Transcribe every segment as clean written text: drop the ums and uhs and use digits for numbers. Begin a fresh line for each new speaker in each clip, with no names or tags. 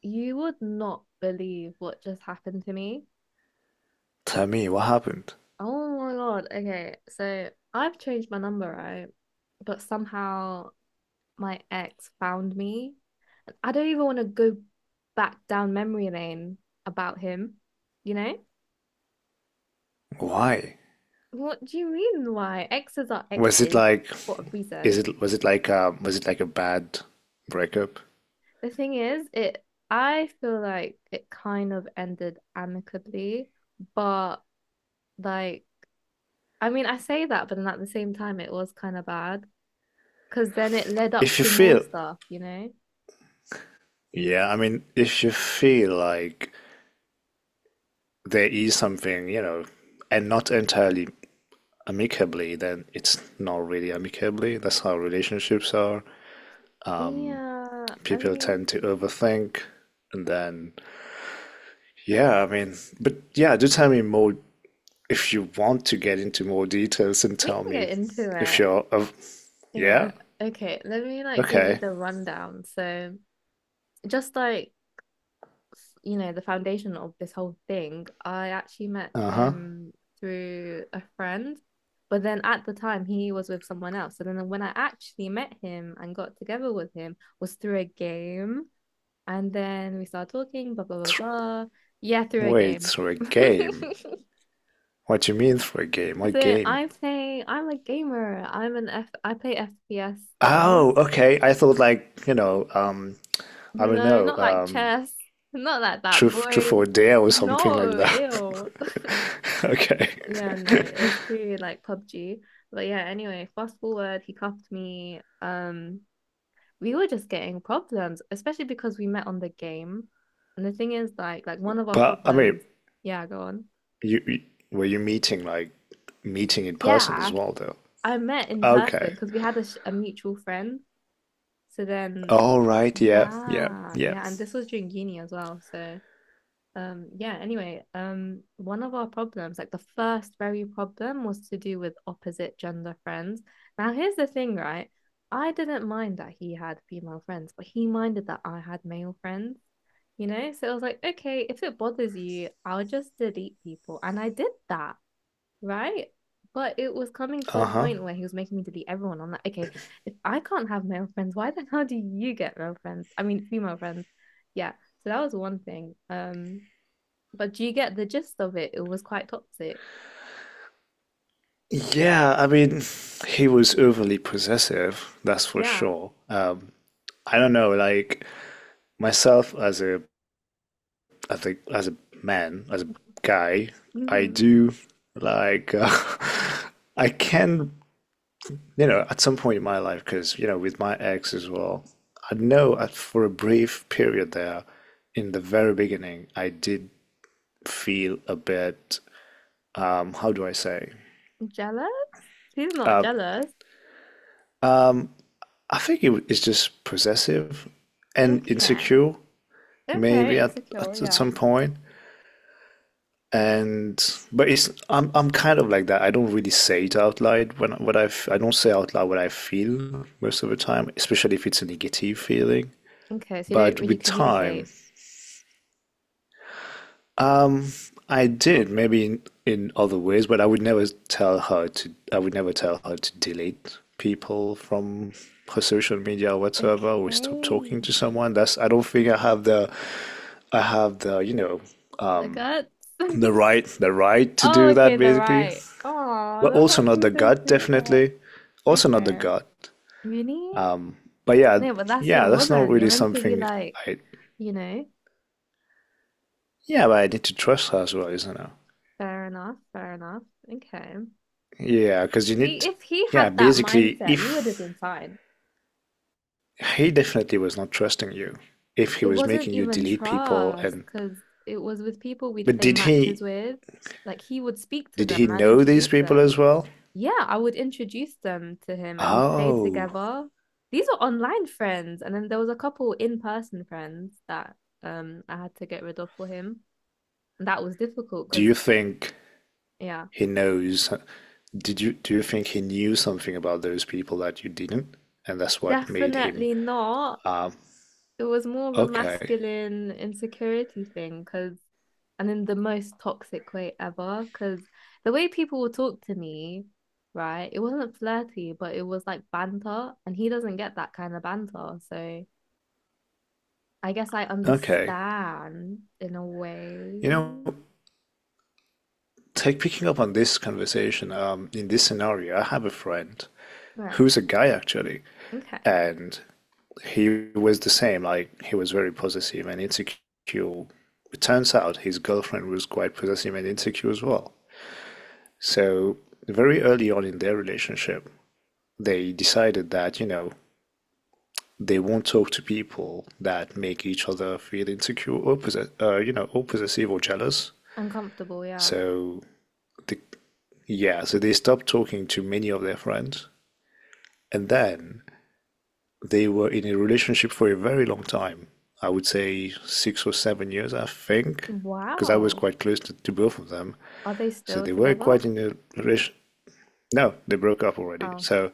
You would not believe what just happened to me.
Tell me what happened.
Oh my God. Okay. So I've changed my number, right? But somehow my ex found me. I don't even want to go back down memory lane about him, you know?
Why?
What do you mean why? Exes are
Was it
exes
like
for a
is
reason.
it was it like a was it like a bad breakup?
The thing is, it I feel like it kind of ended amicably, but like I say that, but then at the same time, it was kind of bad because then it led up
If you
to more
feel
stuff, you know?
yeah, I mean if you feel like there is something, you know, and not entirely amicably, then it's not really amicably. That's how relationships are.
Yeah, I
People
mean,
tend to overthink and then yeah, I mean but yeah, do tell me more if you want to get into more details and
we
tell
can
me
get into
if
it.
you're of yeah?
Yeah. Okay, let me give you
Okay.
the rundown. So, just like, f- you know, the foundation of this whole thing, I actually met
Uh-huh.
him through a friend, but then at the time he was with someone else. So then when I actually met him and got together with him was through a game, and then we started talking, blah blah blah
Th-
blah. Yeah, through a
Wait,
game.
through a game. What do you mean through a game? What game?
I'm a gamer. I play FPS games.
Oh, okay. I thought like, I don't
No,
know,
not like chess, not like that
truth or
boring.
dare or something like
No,
that.
ew.
Okay.
Yeah, no, it was through like PUBG. But yeah, anyway, fast forward, he cuffed me. We were just getting problems, especially because we met on the game. And the thing is, one of our
But I mean,
problems, yeah, go on.
you were you meeting like meeting in person
Yeah,
as well though?
I met in
Okay.
person because we had a, sh a mutual friend. So then,
All right, yeah, yeah,
yeah,
yeah.
yeah, and this was during uni as well. So, yeah, anyway, one of our problems, like the first very problem, was to do with opposite gender friends. Now, here's the thing, right? I didn't mind that he had female friends, but he minded that I had male friends, you know? So it was like, okay, if it bothers you, I'll just delete people. And I did that, right? But it was coming to a
Uh-huh.
point where he was making me delete everyone. I'm like, okay, if I can't have male friends, why the hell do you get male friends? I mean, female friends. Yeah. So that was one thing. But do you get the gist of it? It was quite toxic.
Yeah, I mean, he was overly possessive, that's for
Yeah.
sure. I don't know, like myself as I think as a man, as a guy, I
Hmm.
do like I can, you know, at some point in my life, because you know, with my ex as well, I know for a brief period there, in the very beginning, I did feel a bit, how do I say?
Jealous? He's not jealous.
I think it's just possessive and
Okay.
insecure.
Okay,
Maybe at,
insecure,
at at
yeah.
some point. And but it's I'm kind of like that. I don't really say it out loud when what I f- I don't say out loud what I feel most of the time, especially if it's a negative feeling.
Okay, so you don't
But
really
with time,
communicate.
um, I did maybe in other ways, but I would never tell her to. I would never tell her to delete people from her social media or whatsoever. Or stop talking to
Okay.
someone. That's. I don't think I have the you know
The
um,
guts.
the right the right to
Oh,
do
okay,
that
the
basically,
right. Oh,
but
that's
also not
actually
the
so
gut,
sweet. What the
definitely
heck?
also not the
Okay.
gut,
Really?
um, but yeah,
No, but that's your
yeah, that's not
woman. You're
really
meant to be
something
like,
I.
you know,
Yeah, but I need to trust her as well, isn't it?
fair enough, fair enough. Okay.
Yeah, because you need
See,
to,
if he
yeah,
had that
basically
mindset, we would have
if
been fine.
he definitely was not trusting you if he
It
was
wasn't
making you
even
delete people
trust
and
because it was with people we'd
but
play matches with. Like he would speak to
did
them
he
and I'd
know these
introduce
people
them.
as well?
Yeah, I would introduce them to him and we'd play
Oh,
together. These were online friends, and then there was a couple in-person friends that I had to get rid of for him. And that was difficult
do
because
you think
yeah,
he knows. Did you do you think he knew something about those people that you didn't, and that's what made him
definitely not. It was more of a
okay,
masculine insecurity thing because, and in the most toxic way ever, because the way people would talk to me, right, it wasn't flirty, but it was like banter, and he doesn't get that kind of banter. So I guess I
okay?
understand in a
You know,
way.
take picking up on this conversation. In this scenario, I have a friend
Right.
who's a guy actually,
Okay.
and he was the same. Like he was very possessive and insecure. It turns out his girlfriend was quite possessive and insecure as well. So very early on in their relationship, they decided that you know they won't talk to people that make each other feel insecure or you know, or possessive or jealous.
Uncomfortable. Yeah.
So the, yeah, so they stopped talking to many of their friends, and then they were in a relationship for a very long time. I would say 6 or 7 years, I think, because I was
Wow.
quite close to both of them.
Are they
So
still
they were
together?
quite in a relationship. No, they broke up already.
Oh,
So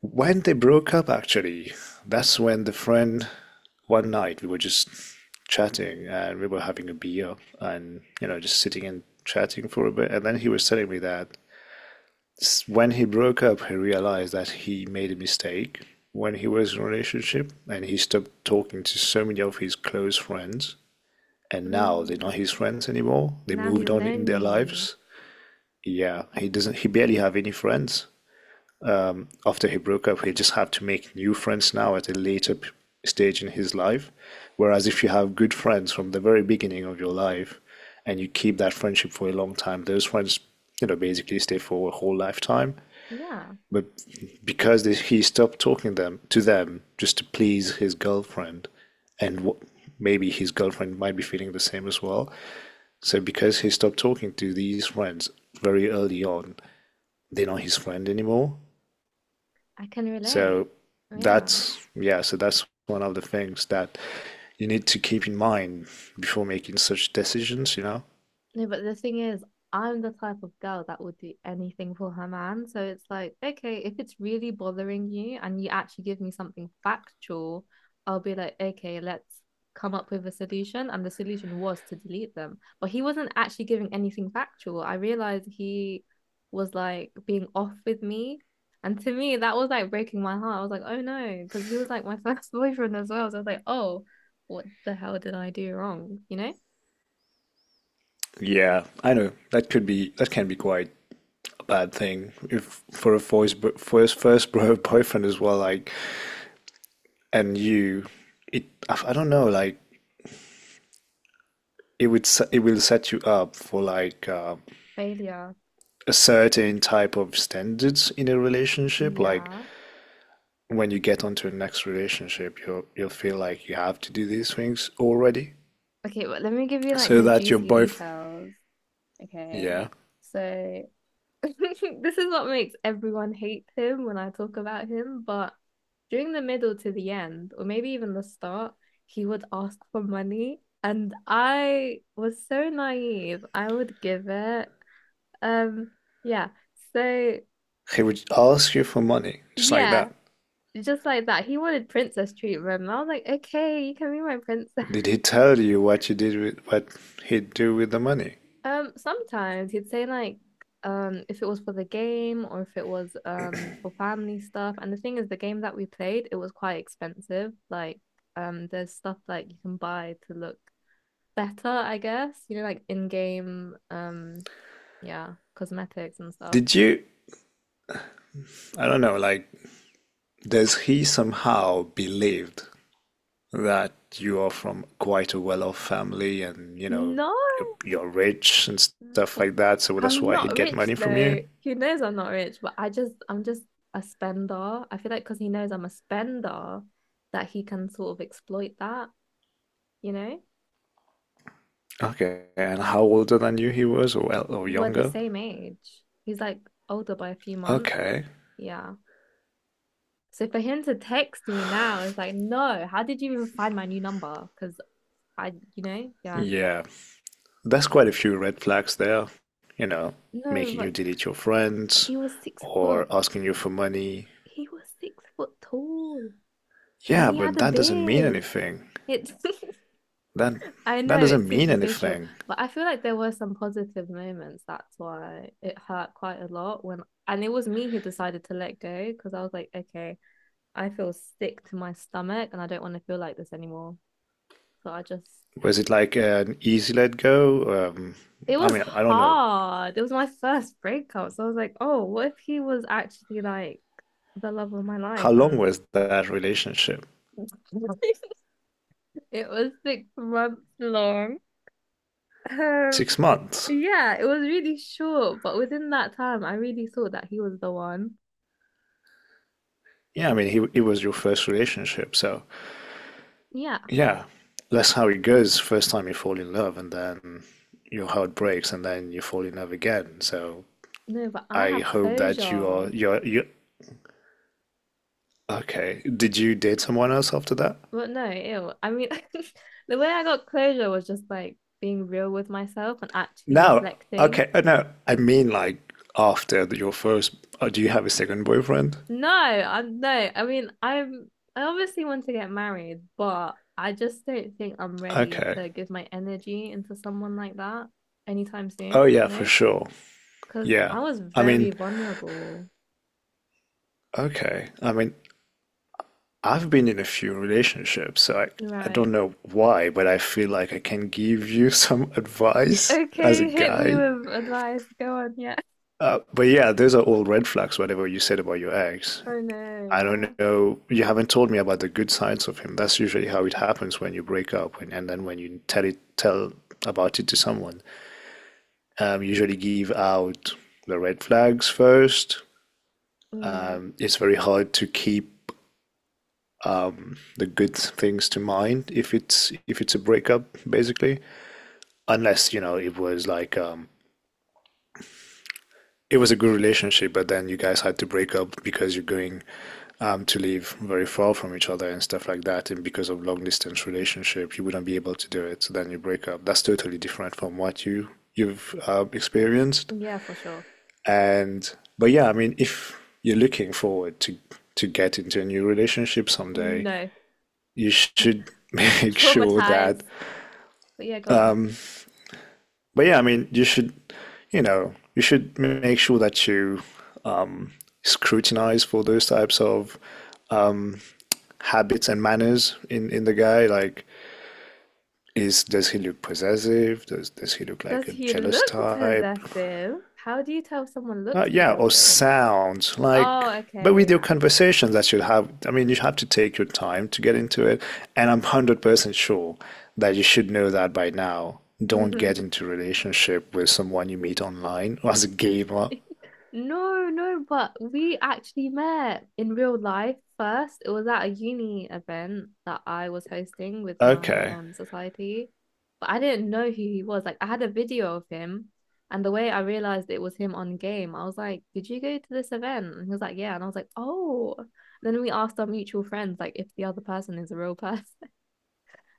when they broke up, actually, that's when the friend, one night, we were just chatting and we were having a beer and, you know, just sitting and chatting for a bit. And then he was telling me that when he broke up, he realized that he made a mistake when he was in a relationship and he stopped talking to so many of his close friends. And now they're
mm.
not his friends anymore. They
Now
moved
he's
on in their
lonely.
lives. Yeah, he doesn't, he barely have any friends. After he broke up, he just had to make new friends now at a later stage in his life. Whereas if you have good friends from the very beginning of your life and you keep that friendship for a long time, those friends, you know, basically stay for a whole lifetime.
Yeah.
But because he stopped talking them to them just to please his girlfriend, and what, maybe his girlfriend might be feeling the same as well. So because he stopped talking to these friends very early on, they're not his friend anymore.
I can relate.
So
Yeah.
that's, yeah, so that's one of the things that you need to keep in mind before making such decisions, you know?
No, but the thing is, I'm the type of girl that would do anything for her man. So it's like, okay, if it's really bothering you and you actually give me something factual, I'll be like, okay, let's come up with a solution. And the solution was to delete them. But he wasn't actually giving anything factual. I realized he was like being off with me. And to me, that was like breaking my heart. I was like, oh no, because he was like my first boyfriend as well. So I was like, oh, what the hell did I do wrong? You know?
Yeah, I know. That can be quite a bad thing if for a first first bro boyfriend as well, like, and you, it, I don't know, like, it would it will set you up for like
Failure.
a certain type of standards in a relationship. Like
Yeah.
when you get onto the next relationship, you'll feel like you have to do these things already.
Okay, but let me give you
So
the
that your
juicy
boyfriend,
details. Okay.
yeah,
So this is what makes everyone hate him when I talk about him, but during the middle to the end, or maybe even the start, he would ask for money and I was so naive. I would give it. Um, yeah. So
he would ask you for money, just like
yeah,
that.
just like that. He wanted princess treatment. And I was like, okay, you can be my princess.
Did he tell you what you did with what he'd do with the money?
Sometimes he'd say like if it was for the game or if it was for family stuff. And the thing is the game that we played, it was quite expensive. Like there's stuff like you can buy to look better, I guess. You know, like in-game, yeah, cosmetics and stuff.
Did you, I don't know, like, does he somehow believed that you are from quite a well-off family and, you know,
No,
you're rich and stuff like that, so that's
I'm
why he'd
not
get
rich
money from
though.
you?
He knows I'm not rich, but I'm just a spender. I feel like because he knows I'm a spender that he can sort of exploit that, you know?
Okay, and how older than you he was, or
We're the
younger?
same age. He's like older by a few months.
Okay,
Yeah. So for him to text me now, it's like, no, how did you even find my new number? Because I, you know, yeah.
yeah, there's quite a few red flags there, you know,
No,
making you
but
delete your friends
he was 6 foot.
or asking you for money.
He was 6 foot tall and
Yeah,
he
but
had a
that doesn't mean
beard.
anything.
It's,
That
I know
that
it's
doesn't mean
superficial,
anything.
but I feel like there were some positive moments. That's why it hurt quite a lot when, and it was me who decided to let go because I was like, okay, I feel sick to my stomach and I don't want to feel like this anymore. So I just,
Was it like an easy let go?
it
I
was
mean, I don't know.
hard. It was my first breakup. So I was like, oh, what if he was actually like the love of my life?
How long
And
was that relationship?
it was 6 months long. Um,
6 months.
yeah, it was really short, but within that time, I really thought that he was the one.
Yeah, I mean, he, it was your first relationship, so
Yeah,
yeah, that's how it goes. First time you fall in love, and then your heart breaks, and then you fall in love again. So
no, but I
I
have
hope that you are
closure.
you're you okay. Did you date someone else after that?
But no, ew. I mean, the way I got closure was just like being real with myself and actually
No.
reflecting.
Okay. No, I mean like after your first. Do you have a second boyfriend?
No. I mean, I obviously want to get married, but I just don't think I'm ready
Okay.
to give my energy into someone like that anytime
Oh
soon, you
yeah, for
know?
sure.
Because
Yeah.
I was
I
very
mean,
vulnerable.
okay. I mean, I've been in a few relationships, so I don't
Right.
know why, but I feel like I can give you some advice as a
Okay, hit me
guy.
with advice. Go on, yeah.
But yeah, those are all red flags, whatever you said about your ex.
Oh no,
I
yeah.
don't know. You haven't told me about the good sides of him. That's usually how it happens when you break up, and then when you tell tell about it to someone. Usually give out the red flags first.
Mm,
It's very hard to keep the good things to mind if it's a breakup, basically. Unless you know it was like it was a good relationship, but then you guys had to break up because you're going to live very far from each other and stuff like that. And because of long distance relationship, you wouldn't be able to do it. So then you break up. That's totally different from what you've experienced.
yeah, for sure.
And but yeah, I mean, if you're looking forward to get into a new relationship someday,
No,
you should make sure
traumatized.
that.
But yeah, go on.
But yeah, I mean, you should, you know, you should make sure that you um, scrutinize for those types of um, habits and manners in the guy. Like, is does he look possessive? Does he look like
Does
a
he
jealous
look
type?
possessive? How do you tell if someone looks
Yeah, or
possessive?
sounds like.
Oh,
But
okay,
with your
yeah.
conversations that you have, I mean, you have to take your time to get into it. And I'm 100% sure that you should know that by now. Don't
Hmm.
get into a relationship with someone you meet online or as a gamer.
No, no, but we actually met in real life first. It was at a uni event that I was hosting with my
Okay,
society, but I didn't know who he was. Like I had a video of him, and the way I realized it was him on game, I was like, "Did you go to this event?" And he was like, "Yeah," and I was like, "Oh." Then we asked our mutual friends like if the other person is a real person.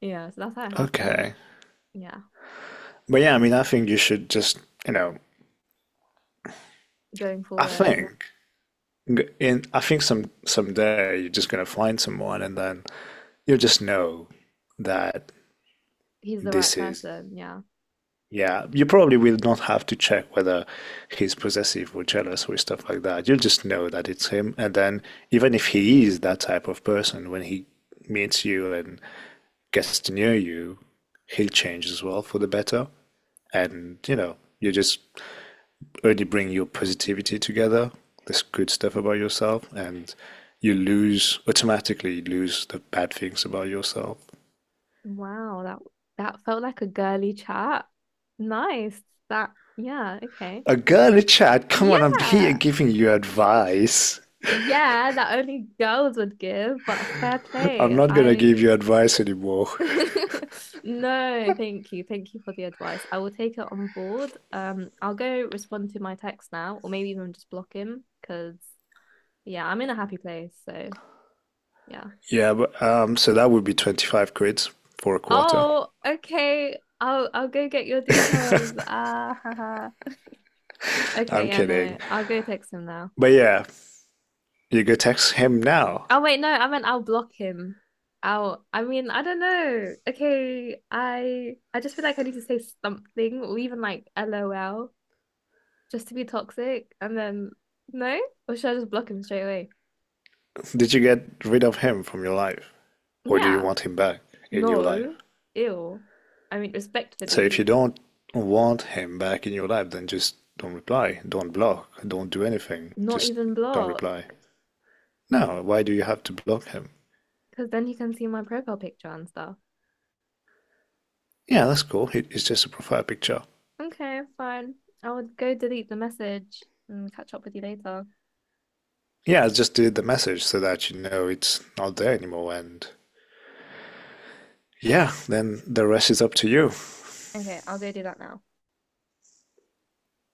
Yeah, so that's how it happened.
okay.
Yeah.
But yeah, I mean, I think you should just, you know,
Going
I
forward,
think g- in I think someday you're just gonna find someone and then you just know that
he's the right
this is
person. Yeah.
yeah, you probably will not have to check whether he's possessive or jealous or stuff like that. You'll just know that it's him and then even if he is that type of person when he meets you and gets to know you, he'll change as well for the better. And you know, you just only bring your positivity together, this good stuff about yourself, and you lose automatically you lose the bad things about yourself.
Wow, that that felt like a girly chat. Nice. That yeah, okay.
A girl in the chat, come on, I'm here
Yeah.
giving you advice.
Yeah, that only girls would give, but fair
I'm
play.
not gonna give
I
you advice anymore.
no, thank you. Thank you for the advice. I will take it on board. I'll go respond to my text now, or maybe even just block him because yeah, I'm in a happy place. So yeah.
Yeah, but so that would be 25 quid for a quarter.
Oh, okay. I'll go get your details. Ah, haha. Okay,
I'm
yeah, no.
kidding.
I'll go text him now.
But yeah, you go text him now.
Oh wait, no, I meant I'll block him. I mean, I don't know. Okay, I just feel like I need to say something or even like LOL just to be toxic and then no? Or should I just block him straight away?
Did you get rid of him from your life? Or do you
Yeah.
want him back in your life?
No. Ew. I mean,
So if you
respectfully,
don't want him back in your life, then just don't reply, don't block, don't do anything,
not
just
even
don't
block
reply. No, why do you have to block him?
because then he can see my profile picture and stuff.
Yeah, that's cool. It's just a profile picture.
Okay, fine. I would go delete the message and catch up with you later.
Yeah, I just delete the message so that you know it's not there anymore. And yeah, then the rest is up to you.
Okay, I'll go do that now.